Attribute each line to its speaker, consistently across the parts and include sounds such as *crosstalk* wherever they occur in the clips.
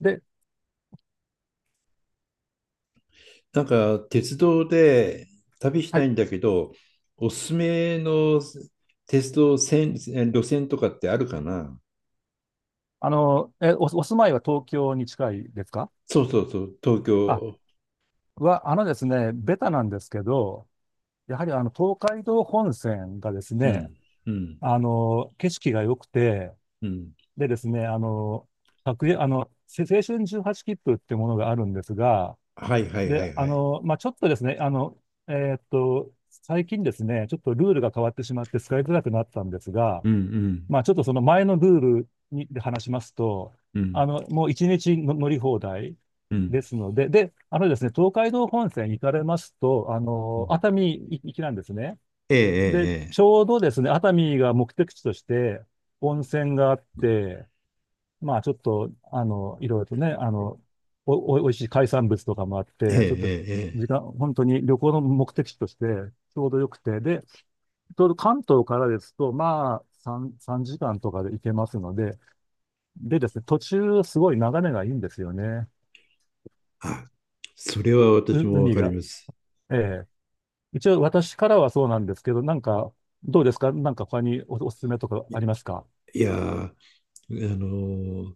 Speaker 1: で、
Speaker 2: なんか鉄道で旅し
Speaker 1: は
Speaker 2: たい
Speaker 1: い。
Speaker 2: んだけど、おすすめの鉄道線、路線とかってあるかな？
Speaker 1: お住まいは東京に近いですか？
Speaker 2: そうそうそう、東
Speaker 1: あ、
Speaker 2: 京。
Speaker 1: は、あのですね、ベタなんですけど、やはり東海道本線がです
Speaker 2: う
Speaker 1: ね、
Speaker 2: ん、うん、
Speaker 1: 景色が良くて、
Speaker 2: うん。
Speaker 1: でですね、各駅青春18切符っていうものがあるんですが、
Speaker 2: はいはいは
Speaker 1: で、
Speaker 2: いはい。
Speaker 1: まあ、ちょっとですね、最近ですね、ちょっとルールが変わってしまって使いづらくなったんですが、
Speaker 2: うん、うん、
Speaker 1: まあ、ちょっとその前のルールにで話しますと、
Speaker 2: うん、
Speaker 1: もう一日の乗り放題
Speaker 2: うん。
Speaker 1: ですので、で、あのですね、東海道本線に行かれますと、
Speaker 2: うん、
Speaker 1: 熱海行きなんですね。で、
Speaker 2: え
Speaker 1: ち
Speaker 2: え
Speaker 1: ょうどですね、熱海が目的地として温泉があって、まあ、ちょっと、いろいろとね、おいしい海産物とかもあっ
Speaker 2: えええ
Speaker 1: て、ちょっと
Speaker 2: ええええ
Speaker 1: 時
Speaker 2: え。
Speaker 1: 間、本当に旅行の目的地としてちょうどよくて、で、ちょうど関東からですと、まあ、3時間とかで行けますので、でですね、途中、すごい眺めがいいんですよね。
Speaker 2: あ、それは私もわ
Speaker 1: 海
Speaker 2: かり
Speaker 1: が。
Speaker 2: ます。
Speaker 1: ええ。一応、私からはそうなんですけど、なんか、どうですか？なんか他におすすめとか
Speaker 2: い
Speaker 1: ありますか？
Speaker 2: いやー、あのー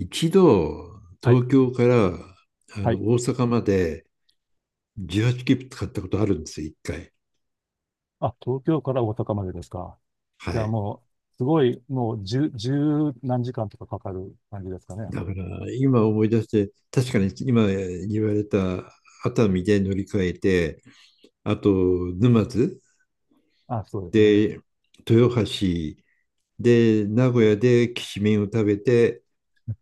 Speaker 2: 一度
Speaker 1: はい。
Speaker 2: 東京から
Speaker 1: はい。
Speaker 2: 大阪まで18切符使ったことあるんですよ、一回。
Speaker 1: 東京から大阪までですか。
Speaker 2: は
Speaker 1: じゃあ
Speaker 2: い。
Speaker 1: もう、すごい、もう、十何時間とかかかる感じですかね。
Speaker 2: だから、今思い出して、確かに今言われた熱海で乗り換えて、あと沼津
Speaker 1: そうですね。
Speaker 2: で豊橋で名古屋できしめんを食べて、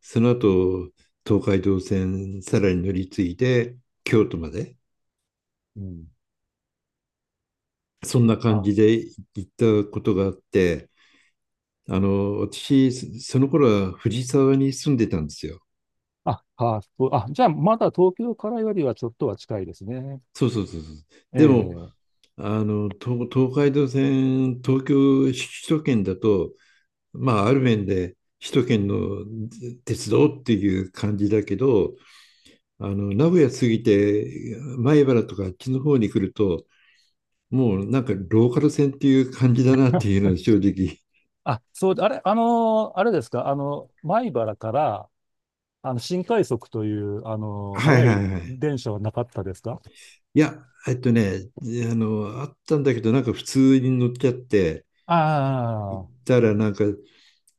Speaker 2: その後東海道線さらに乗り継いで京都まで、
Speaker 1: うん。
Speaker 2: そんな感
Speaker 1: あ、
Speaker 2: じで行ったことがあって、私、その頃は藤沢に住んでたんですよ。
Speaker 1: そう。じゃあ、まだ東京からよりはちょっとは近いですね。
Speaker 2: そうそうそうそう。でも、
Speaker 1: ええ。
Speaker 2: 東海道線、東京、首都圏だと、まあ、ある面で首都圏の鉄道っていう感じだけど、名古屋過ぎて、米原とかあっちの方に来ると、もうなんかローカル線っていう感じだなっていうのは正直。
Speaker 1: そうで、あれ、あのーあれですか、米原から、新快速という、
Speaker 2: はい
Speaker 1: 速
Speaker 2: は
Speaker 1: い
Speaker 2: いはい。
Speaker 1: 電車はなかったですか？
Speaker 2: いや、あったんだけど、なんか普通に乗っちゃって、行っ
Speaker 1: ああ、
Speaker 2: たらなんか、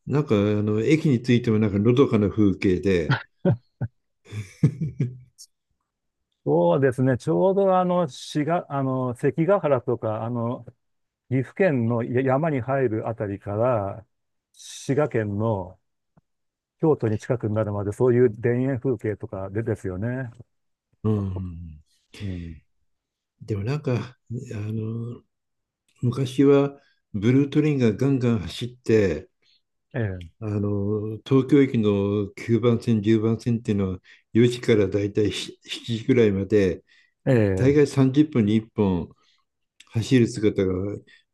Speaker 2: あの駅に着いてもなんかのどかな風景で、*laughs*
Speaker 1: そうですね、ちょうど滋賀、関ヶ原とか、岐阜県の山に入るあたりから、滋賀県の京都に近くなるまで、そういう田園風景とかでですよね。
Speaker 2: うん、
Speaker 1: うん。
Speaker 2: でもなんか、の、昔はブルートレインがガンガン走って、
Speaker 1: ええ。
Speaker 2: 東京駅の9番線、10番線っていうのは4時からだいたい7時くらいまで、
Speaker 1: え
Speaker 2: 大
Speaker 1: え。
Speaker 2: 概30分に1本走る姿が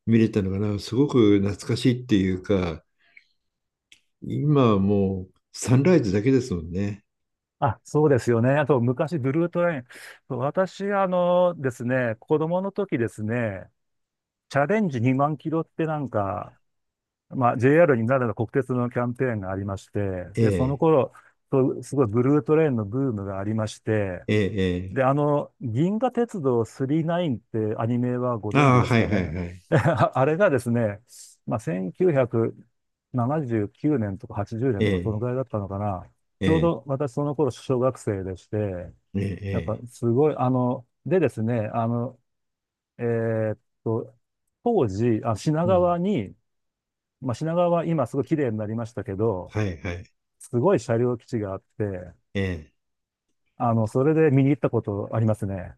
Speaker 2: 見れたのかな、すごく懐かしいっていうか、今はもうサンライズだけですもんね。
Speaker 1: そうですよね。あと、昔、ブルートレイン。そう、私、あのですね、子供の時ですね、チャレンジ2万キロってなんか、まあ、JR になるの国鉄のキャンペーンがありまして、
Speaker 2: え
Speaker 1: で、その
Speaker 2: え、
Speaker 1: 頃、そう、すごいブルートレインのブームがありまして、
Speaker 2: ええ、え
Speaker 1: で、銀河鉄道9 9ってアニメはご
Speaker 2: え。
Speaker 1: 存知
Speaker 2: ああ、
Speaker 1: です
Speaker 2: はい
Speaker 1: か
Speaker 2: は
Speaker 1: ね？
Speaker 2: いはい。
Speaker 1: *laughs* あれがですね、まあ、1979年とか80年
Speaker 2: え
Speaker 1: とかその
Speaker 2: え、
Speaker 1: ぐらいだったのかな。
Speaker 2: え
Speaker 1: ちょう
Speaker 2: え、
Speaker 1: ど私その頃小学生でして、
Speaker 2: ええ、
Speaker 1: やっぱ
Speaker 2: ええ。
Speaker 1: すごい、でですね、えーっと、当時、品
Speaker 2: うん、
Speaker 1: 川に、まあ、品川は今すごい綺麗になりましたけど、
Speaker 2: はいはい。
Speaker 1: すごい車両基地があって、
Speaker 2: ええ。
Speaker 1: それで見に行ったことありますね。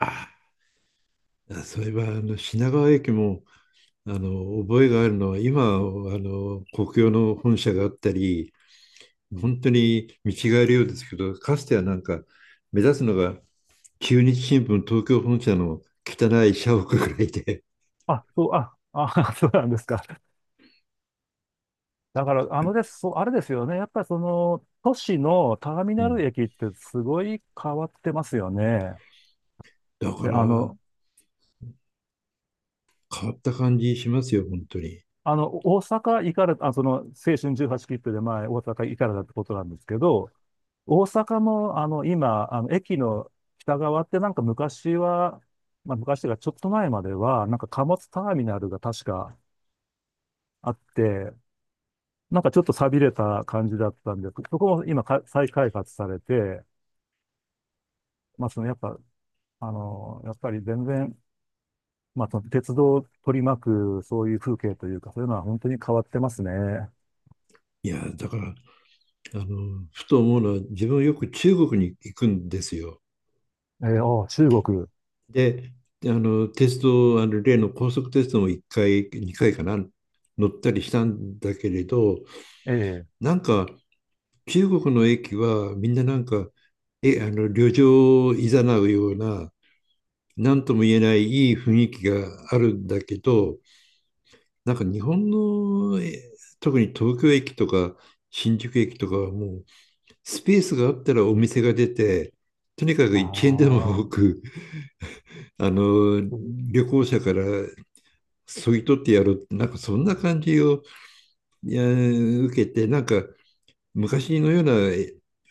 Speaker 2: ああ、そういえば、品川駅も、覚えがあるのは、今、国用の本社があったり、本当に見違えるようですけど、かつてはなんか、目立つのが、中日新聞東京本社の汚い社屋ぐらいで、
Speaker 1: *laughs* そうなんですか。だから、あのです、そう、あれですよね。やっぱりその、都市のターミ
Speaker 2: *laughs* う
Speaker 1: ナ
Speaker 2: ん。
Speaker 1: ル駅ってすごい変わってますよね。
Speaker 2: だか
Speaker 1: で、
Speaker 2: ら、変わった感じしますよ、本当に。
Speaker 1: 大阪行かれた、その、青春18切符で前、大阪行かれたってことなんですけど、大阪も、今、駅の北側ってなんか昔は、まあ、昔がちょっと前までは、なんか貨物ターミナルが確かあって、なんかちょっと寂れた感じだったんです、そこも今か再開発されて、まあ、その、やっぱ、やっぱり全然、まあ、その鉄道を取り巻く、そういう風景というか、そういうのは本当に変わってますね。
Speaker 2: いや、だから、ふと思うのは、自分よく中国に行くんですよ。
Speaker 1: 中国。
Speaker 2: で、あの、テスト、あの、例の高速テストも1回、2回かな、乗ったりしたんだけれど、
Speaker 1: ええ。
Speaker 2: なんか、中国の駅はみんななんか、え、あの、旅情を誘うような、なんとも言えないいい雰囲気があるんだけど、なんか日本の、特に東京駅とか新宿駅とかはもう、スペースがあったらお店が出て、とにかく
Speaker 1: あ
Speaker 2: 1円で
Speaker 1: あ、
Speaker 2: も多く、
Speaker 1: そう。
Speaker 2: 旅行者からそぎ取ってやるなんかそんな感じを受けてなんか昔のような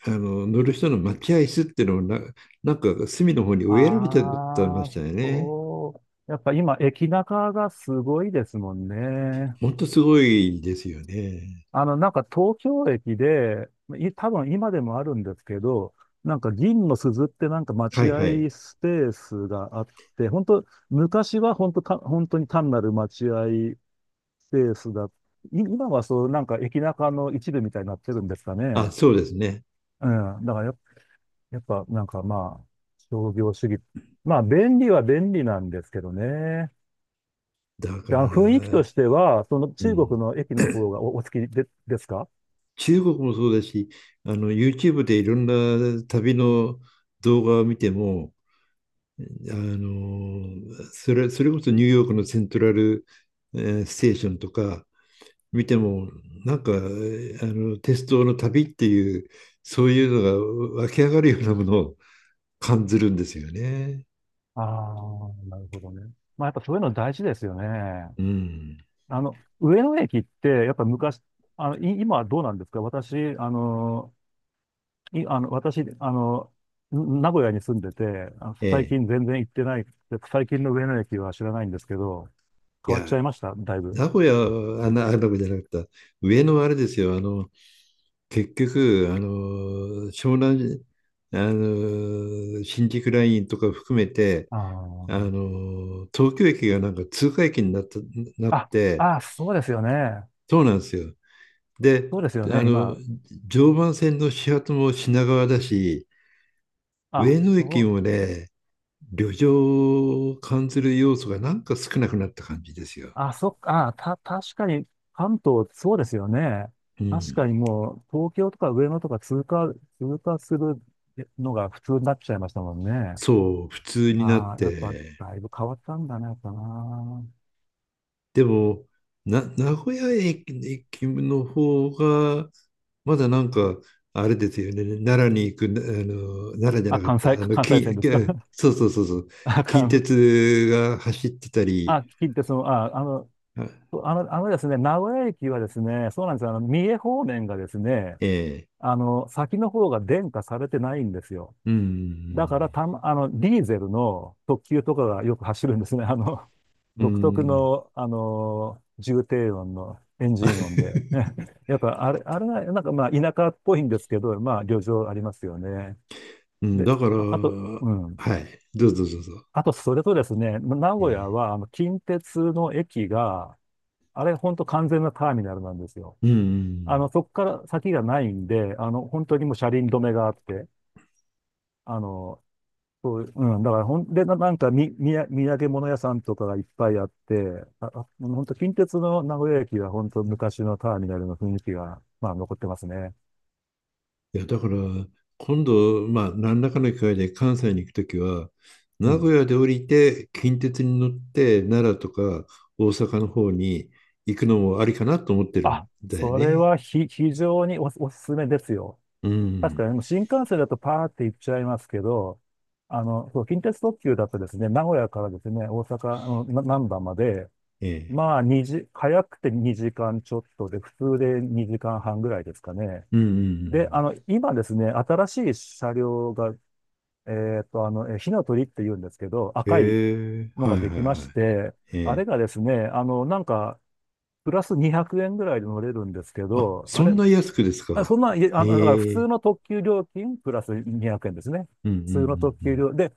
Speaker 2: 乗る人の待合室っていうのをなんか隅の方に植えられてたま
Speaker 1: あ
Speaker 2: し
Speaker 1: あ、
Speaker 2: たよね。
Speaker 1: そう。やっぱ今、駅中がすごいですもんね。
Speaker 2: 本当すごいですよね。
Speaker 1: なんか東京駅で、多分今でもあるんですけど、なんか銀の鈴ってなんか
Speaker 2: は
Speaker 1: 待
Speaker 2: いは
Speaker 1: 合
Speaker 2: い。
Speaker 1: スペースがあって、本当昔は本当に単なる待合スペースだ。今はそう、なんか駅中の一部みたいになってるんですか
Speaker 2: あ、
Speaker 1: ね。
Speaker 2: そうですね。
Speaker 1: うん。だからやっぱなんかまあ、商業主義。まあ、便利は便利なんですけどね。
Speaker 2: だか
Speaker 1: で、雰囲気と
Speaker 2: ら、
Speaker 1: しては、その
Speaker 2: う
Speaker 1: 中
Speaker 2: ん、
Speaker 1: 国の駅の方がお好きで、ですか？
Speaker 2: 中国もそうだし、YouTube でいろんな旅の動画を見ても、あのそれこそニューヨークのセントラル、ステーションとか、見ても、なんか、鉄道の旅っていう、そういうのが湧き上がるようなものを感じるんですよね。
Speaker 1: ああー、なるほどね。まあ、やっぱそういうの大事ですよね。
Speaker 2: うん。
Speaker 1: 上野駅って、やっぱ昔、今はどうなんですか？私、あの、い、あの、私、名古屋に住んでて、
Speaker 2: え
Speaker 1: 最
Speaker 2: え。
Speaker 1: 近全然行ってない、最近の上野駅は知らないんですけど、
Speaker 2: い
Speaker 1: 変わっちゃ
Speaker 2: や、
Speaker 1: いました、だいぶ。
Speaker 2: 名古屋じゃなかった。上野はあれですよ。結局、湘南、新宿ラインとか含めて、
Speaker 1: あ
Speaker 2: 東京駅がなんか通過駅になっ
Speaker 1: あ、
Speaker 2: て、
Speaker 1: そうですよね。
Speaker 2: そうなんですよ。で、
Speaker 1: そうですよ
Speaker 2: あ
Speaker 1: ね、
Speaker 2: の、
Speaker 1: 今。
Speaker 2: 常磐線の始発も品川だし、
Speaker 1: あ、
Speaker 2: 上野
Speaker 1: そ
Speaker 2: 駅
Speaker 1: う、
Speaker 2: もね、旅情を感じる要素がなんか少なくなった感じですよ。
Speaker 1: そっか、確かに、関東、そうですよね。
Speaker 2: う
Speaker 1: 確か
Speaker 2: ん。
Speaker 1: にもう、東京とか上野とか通過するのが普通になっちゃいましたもんね。
Speaker 2: そう、普通になっ
Speaker 1: ああ、やっぱ、
Speaker 2: て。
Speaker 1: だいぶ変わったんだね、やっぱな。
Speaker 2: でも、名古屋駅の方が、まだなんか、あれですよね、奈良に行く、奈良じゃなかっ
Speaker 1: 関
Speaker 2: た、
Speaker 1: 西、関西線ですか？
Speaker 2: そうそうそうそう、
Speaker 1: あか
Speaker 2: 近
Speaker 1: ん。
Speaker 2: 鉄が走ってたり、
Speaker 1: 聞いて、その、あ、あの、
Speaker 2: あ、
Speaker 1: あの、あのですね、名古屋駅はですね、そうなんですよ。三重方面がですね、
Speaker 2: ええ、
Speaker 1: 先の方が電化されてないんですよ。
Speaker 2: う
Speaker 1: だから、
Speaker 2: ん。
Speaker 1: たま、あの、ディーゼルの特急とかがよく走るんですね。*laughs*
Speaker 2: う
Speaker 1: 独特
Speaker 2: ん。
Speaker 1: の、重低音のエンジン音で。
Speaker 2: *laughs*
Speaker 1: *laughs* やっぱ、あれが、なんかまあ、田舎っぽいんですけど、まあ、旅情ありますよね。
Speaker 2: うん、
Speaker 1: で、
Speaker 2: だから、
Speaker 1: あと、
Speaker 2: は
Speaker 1: うん。
Speaker 2: い、どうぞどうぞ。
Speaker 1: あと、それとですね、名古屋
Speaker 2: ええ、
Speaker 1: は、近鉄の駅が、本当完全なターミナルなんですよ。
Speaker 2: うん、うん。
Speaker 1: そこから先がないんで、本当にもう車輪止めがあって、あの、そうう、だからほんで、なんかみ、みや、土産物屋さんとかがいっぱいあって、本当近鉄の名古屋駅は本当昔のターミナルの雰囲気が、まあ、残ってますね。
Speaker 2: いや、だから、今度、まあ、何らかの機会で関西に行くときは、
Speaker 1: う
Speaker 2: 名
Speaker 1: ん。
Speaker 2: 古屋で降りて、近鉄に乗って、奈良とか大阪の方に行くのもありかなと思ってるんだよ
Speaker 1: それ
Speaker 2: ね。
Speaker 1: は非常におすすめですよ。
Speaker 2: う
Speaker 1: 確か
Speaker 2: ん。
Speaker 1: に、新幹線だとパーって行っちゃいますけど、そう、近鉄特急だとですね、名古屋からですね、大阪の難波まで、
Speaker 2: ええ。
Speaker 1: まあ、2時、早くて2時間ちょっとで、普通で2時間半ぐらいですかね。
Speaker 2: うんうんう
Speaker 1: で、
Speaker 2: ん。
Speaker 1: 今ですね、新しい車両が、火の鳥って言うんですけど、赤い
Speaker 2: ええ、
Speaker 1: の
Speaker 2: は
Speaker 1: が
Speaker 2: い
Speaker 1: で
Speaker 2: はい
Speaker 1: きま
Speaker 2: は
Speaker 1: し
Speaker 2: い。
Speaker 1: て、
Speaker 2: え
Speaker 1: あれ
Speaker 2: え。
Speaker 1: がですね、なんか、プラス200円ぐらいで乗れるんですけ
Speaker 2: あ、
Speaker 1: ど、あ
Speaker 2: そ
Speaker 1: れ、
Speaker 2: んな安くです
Speaker 1: そ
Speaker 2: か？
Speaker 1: んな、いえ、だから普
Speaker 2: え
Speaker 1: 通
Speaker 2: え。
Speaker 1: の特急料金プラス200円ですね。
Speaker 2: うんうん
Speaker 1: 普通の特
Speaker 2: うんう
Speaker 1: 急
Speaker 2: ん。
Speaker 1: 料、で、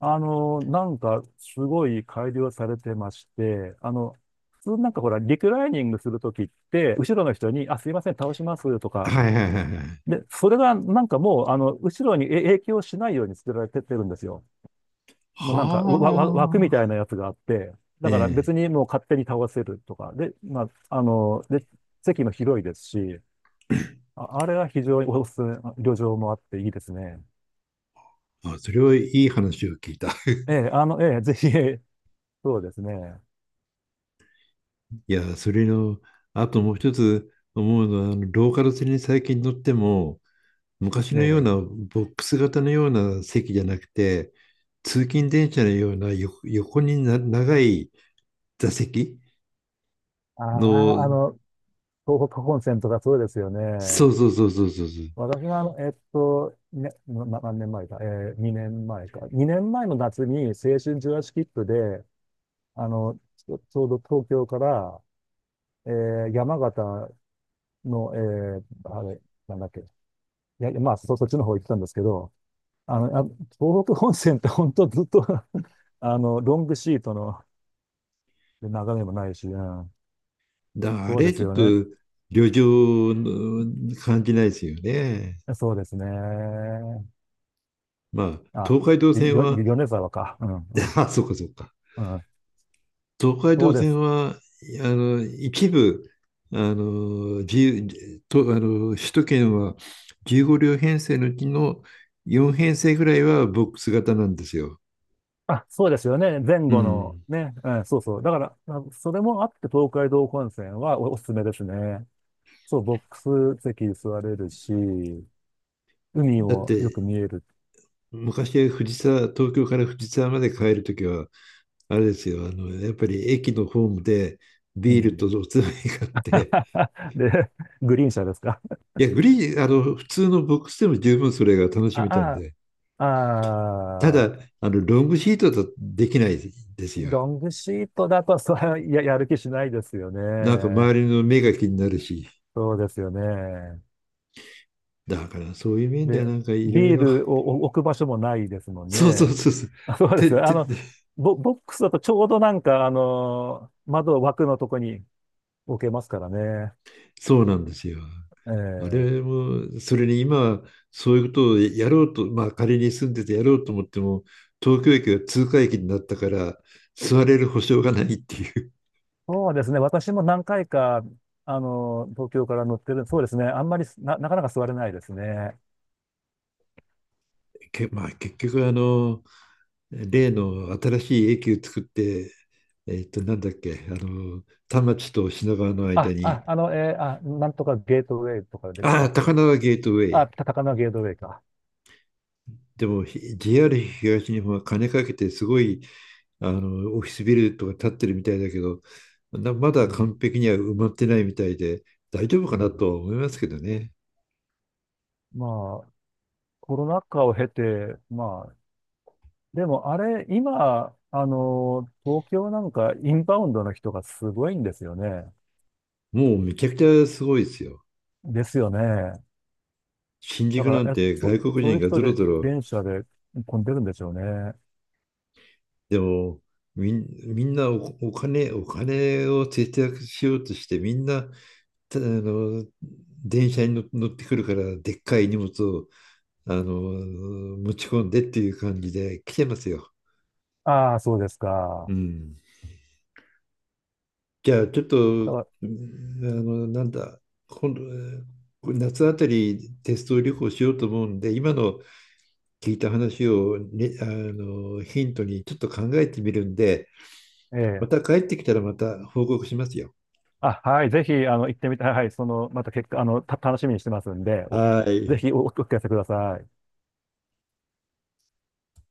Speaker 1: なんかすごい改良されてまして、普通なんかほら、リクライニングするときって、後ろの人に、あ、すいません、倒しますとか、
Speaker 2: はいはいはいはい。
Speaker 1: で、それがなんかもう、後ろに影響しないように作られてってるんですよ。も
Speaker 2: は
Speaker 1: うなんか、枠みたい
Speaker 2: あ、
Speaker 1: なやつがあって、
Speaker 2: え
Speaker 1: だから別
Speaker 2: え。
Speaker 1: にもう勝手に倒せるとか、で、まあ、あの、で、席も広いですし、あれは非常におすすめ、旅情もあっていいですね。
Speaker 2: あ、それはいい話を聞いた。*laughs*
Speaker 1: ええ、ええ、ぜひ、ええ、そうですね。
Speaker 2: いや、それの、あともう一つ思うのは、ローカル線に最近乗っても、昔
Speaker 1: え
Speaker 2: のよう
Speaker 1: え、
Speaker 2: なボックス型のような席じゃなくて、通勤電車のような横に長い座席
Speaker 1: ああ、
Speaker 2: の、
Speaker 1: 東北本線とかそうですよ
Speaker 2: そ
Speaker 1: ね。
Speaker 2: うそうそうそうそうそう。
Speaker 1: 私は、ね、何年前か、ええ、2年前か。2年前の夏に青春18切符で、あの、ちょうど東京から、ええ、山形の、ええ、あれ、なんだっけ、いや、まあ、そっちの方行ってたんですけど、あの、あ、東北本線って本当ずっと *laughs* ロングシートの眺めもないし、うん、
Speaker 2: だあ
Speaker 1: そうで
Speaker 2: れ
Speaker 1: す
Speaker 2: ちょっ
Speaker 1: よ
Speaker 2: と
Speaker 1: ね。
Speaker 2: 旅情の感じないですよね。
Speaker 1: そうですね。
Speaker 2: まあ、
Speaker 1: あ、
Speaker 2: 東海道線は、
Speaker 1: 米沢か。うん、う
Speaker 2: *laughs*
Speaker 1: ん、
Speaker 2: あ、そうかそうか。
Speaker 1: うん。
Speaker 2: 東海
Speaker 1: そう
Speaker 2: 道
Speaker 1: で
Speaker 2: 線
Speaker 1: す。
Speaker 2: は、一部、自由と、首都圏は15両編成のうちの4編成ぐらいはボックス型なんですよ。
Speaker 1: そうですよね。前
Speaker 2: う
Speaker 1: 後の
Speaker 2: ん。
Speaker 1: ね。うん、そうそう。だから、それもあって東海道本線はおすすめですね。そう、ボックス席座れるし、海
Speaker 2: だっ
Speaker 1: もよく
Speaker 2: て、
Speaker 1: 見える。
Speaker 2: 昔は東京から藤沢まで帰るときは、あれですよ、やっぱり駅のホームで
Speaker 1: う
Speaker 2: ビールと
Speaker 1: ん。
Speaker 2: おつまみ買って、
Speaker 1: *laughs* で、グリーン車ですか？
Speaker 2: いや、グリーン、あの、普通のボックスでも十分それが楽
Speaker 1: *laughs*
Speaker 2: しめたん
Speaker 1: あ、あ、
Speaker 2: で、
Speaker 1: あ
Speaker 2: た
Speaker 1: あ、
Speaker 2: だ、ロングシートだとできないですよ。
Speaker 1: ロングシートだと、それは *laughs* やる気しないですよ
Speaker 2: なんか
Speaker 1: ね。
Speaker 2: 周りの目が気になるし、
Speaker 1: そうですよね。
Speaker 2: だからそういう面では
Speaker 1: で、
Speaker 2: なんかいろい
Speaker 1: ビー
Speaker 2: ろ、*laughs*
Speaker 1: ルを置く場所もないですもん
Speaker 2: そうそう
Speaker 1: ね。
Speaker 2: そうそう、
Speaker 1: *laughs* そうで
Speaker 2: て
Speaker 1: す。
Speaker 2: てて、
Speaker 1: ボックスだとちょうどなんか、窓枠のとこに置けますからね。
Speaker 2: そうなんですよ。あ
Speaker 1: え
Speaker 2: れ
Speaker 1: え、
Speaker 2: も、それに今、そういうことをやろうと、まあ仮に住んでてやろうと思っても、東京駅が通過駅になったから、座れる保証がないっていう。
Speaker 1: そうですね。私も何回か、東京から乗ってる。そうですね。あんまりなかなか座れないですね。
Speaker 2: *laughs* まあ結局、例の新しい駅を作って、なんだっけ、田町と品川の間に、
Speaker 1: なんとかゲートウェイとかでし
Speaker 2: あ
Speaker 1: た
Speaker 2: あ、
Speaker 1: っけ。
Speaker 2: 高輪ゲートウェイ。
Speaker 1: 高輪ゲートウェイか。
Speaker 2: でも JR 東日本は金かけてすごいオフィスビルとか建ってるみたいだけど、ま
Speaker 1: う
Speaker 2: だ
Speaker 1: ん。
Speaker 2: 完璧には埋まってないみたいで大丈夫
Speaker 1: う
Speaker 2: か
Speaker 1: ん、
Speaker 2: なとは思いますけどね。
Speaker 1: まあ、コロナ禍を経て、まあ、でもあれ、今、東京なんかインバウンドの人がすごいんですよね。
Speaker 2: もうめちゃくちゃすごいですよ。
Speaker 1: ですよね。
Speaker 2: 新
Speaker 1: だ
Speaker 2: 宿
Speaker 1: か
Speaker 2: なん
Speaker 1: ら、
Speaker 2: て外国
Speaker 1: そうい
Speaker 2: 人
Speaker 1: う
Speaker 2: が
Speaker 1: 人
Speaker 2: ぞろ
Speaker 1: で、
Speaker 2: ぞろ、
Speaker 1: 電車で混んでるんでしょうね。
Speaker 2: でもみん、みんなお金を節約しようとして、みんな、たあの、電車に乗ってくるから、でっかい荷物を、あの、持ち込んでっていう感じで来てますよ。
Speaker 1: ああ、そうです
Speaker 2: う
Speaker 1: か。
Speaker 2: ん。じゃあ、ちょっ
Speaker 1: だ
Speaker 2: と、
Speaker 1: か
Speaker 2: うん、なんだ、今度、夏あたりテスト旅行しようと思うんで、今の聞いた話を、ね、ヒントにちょっと考えてみるんで、
Speaker 1: ら、え
Speaker 2: ま
Speaker 1: え。
Speaker 2: た帰ってきたらまた報告しますよ。
Speaker 1: はい、ぜひ、行ってみたい。はい、その、また結果、楽しみにしてますんで、
Speaker 2: は
Speaker 1: ぜ
Speaker 2: い。
Speaker 1: ひお聞かせください。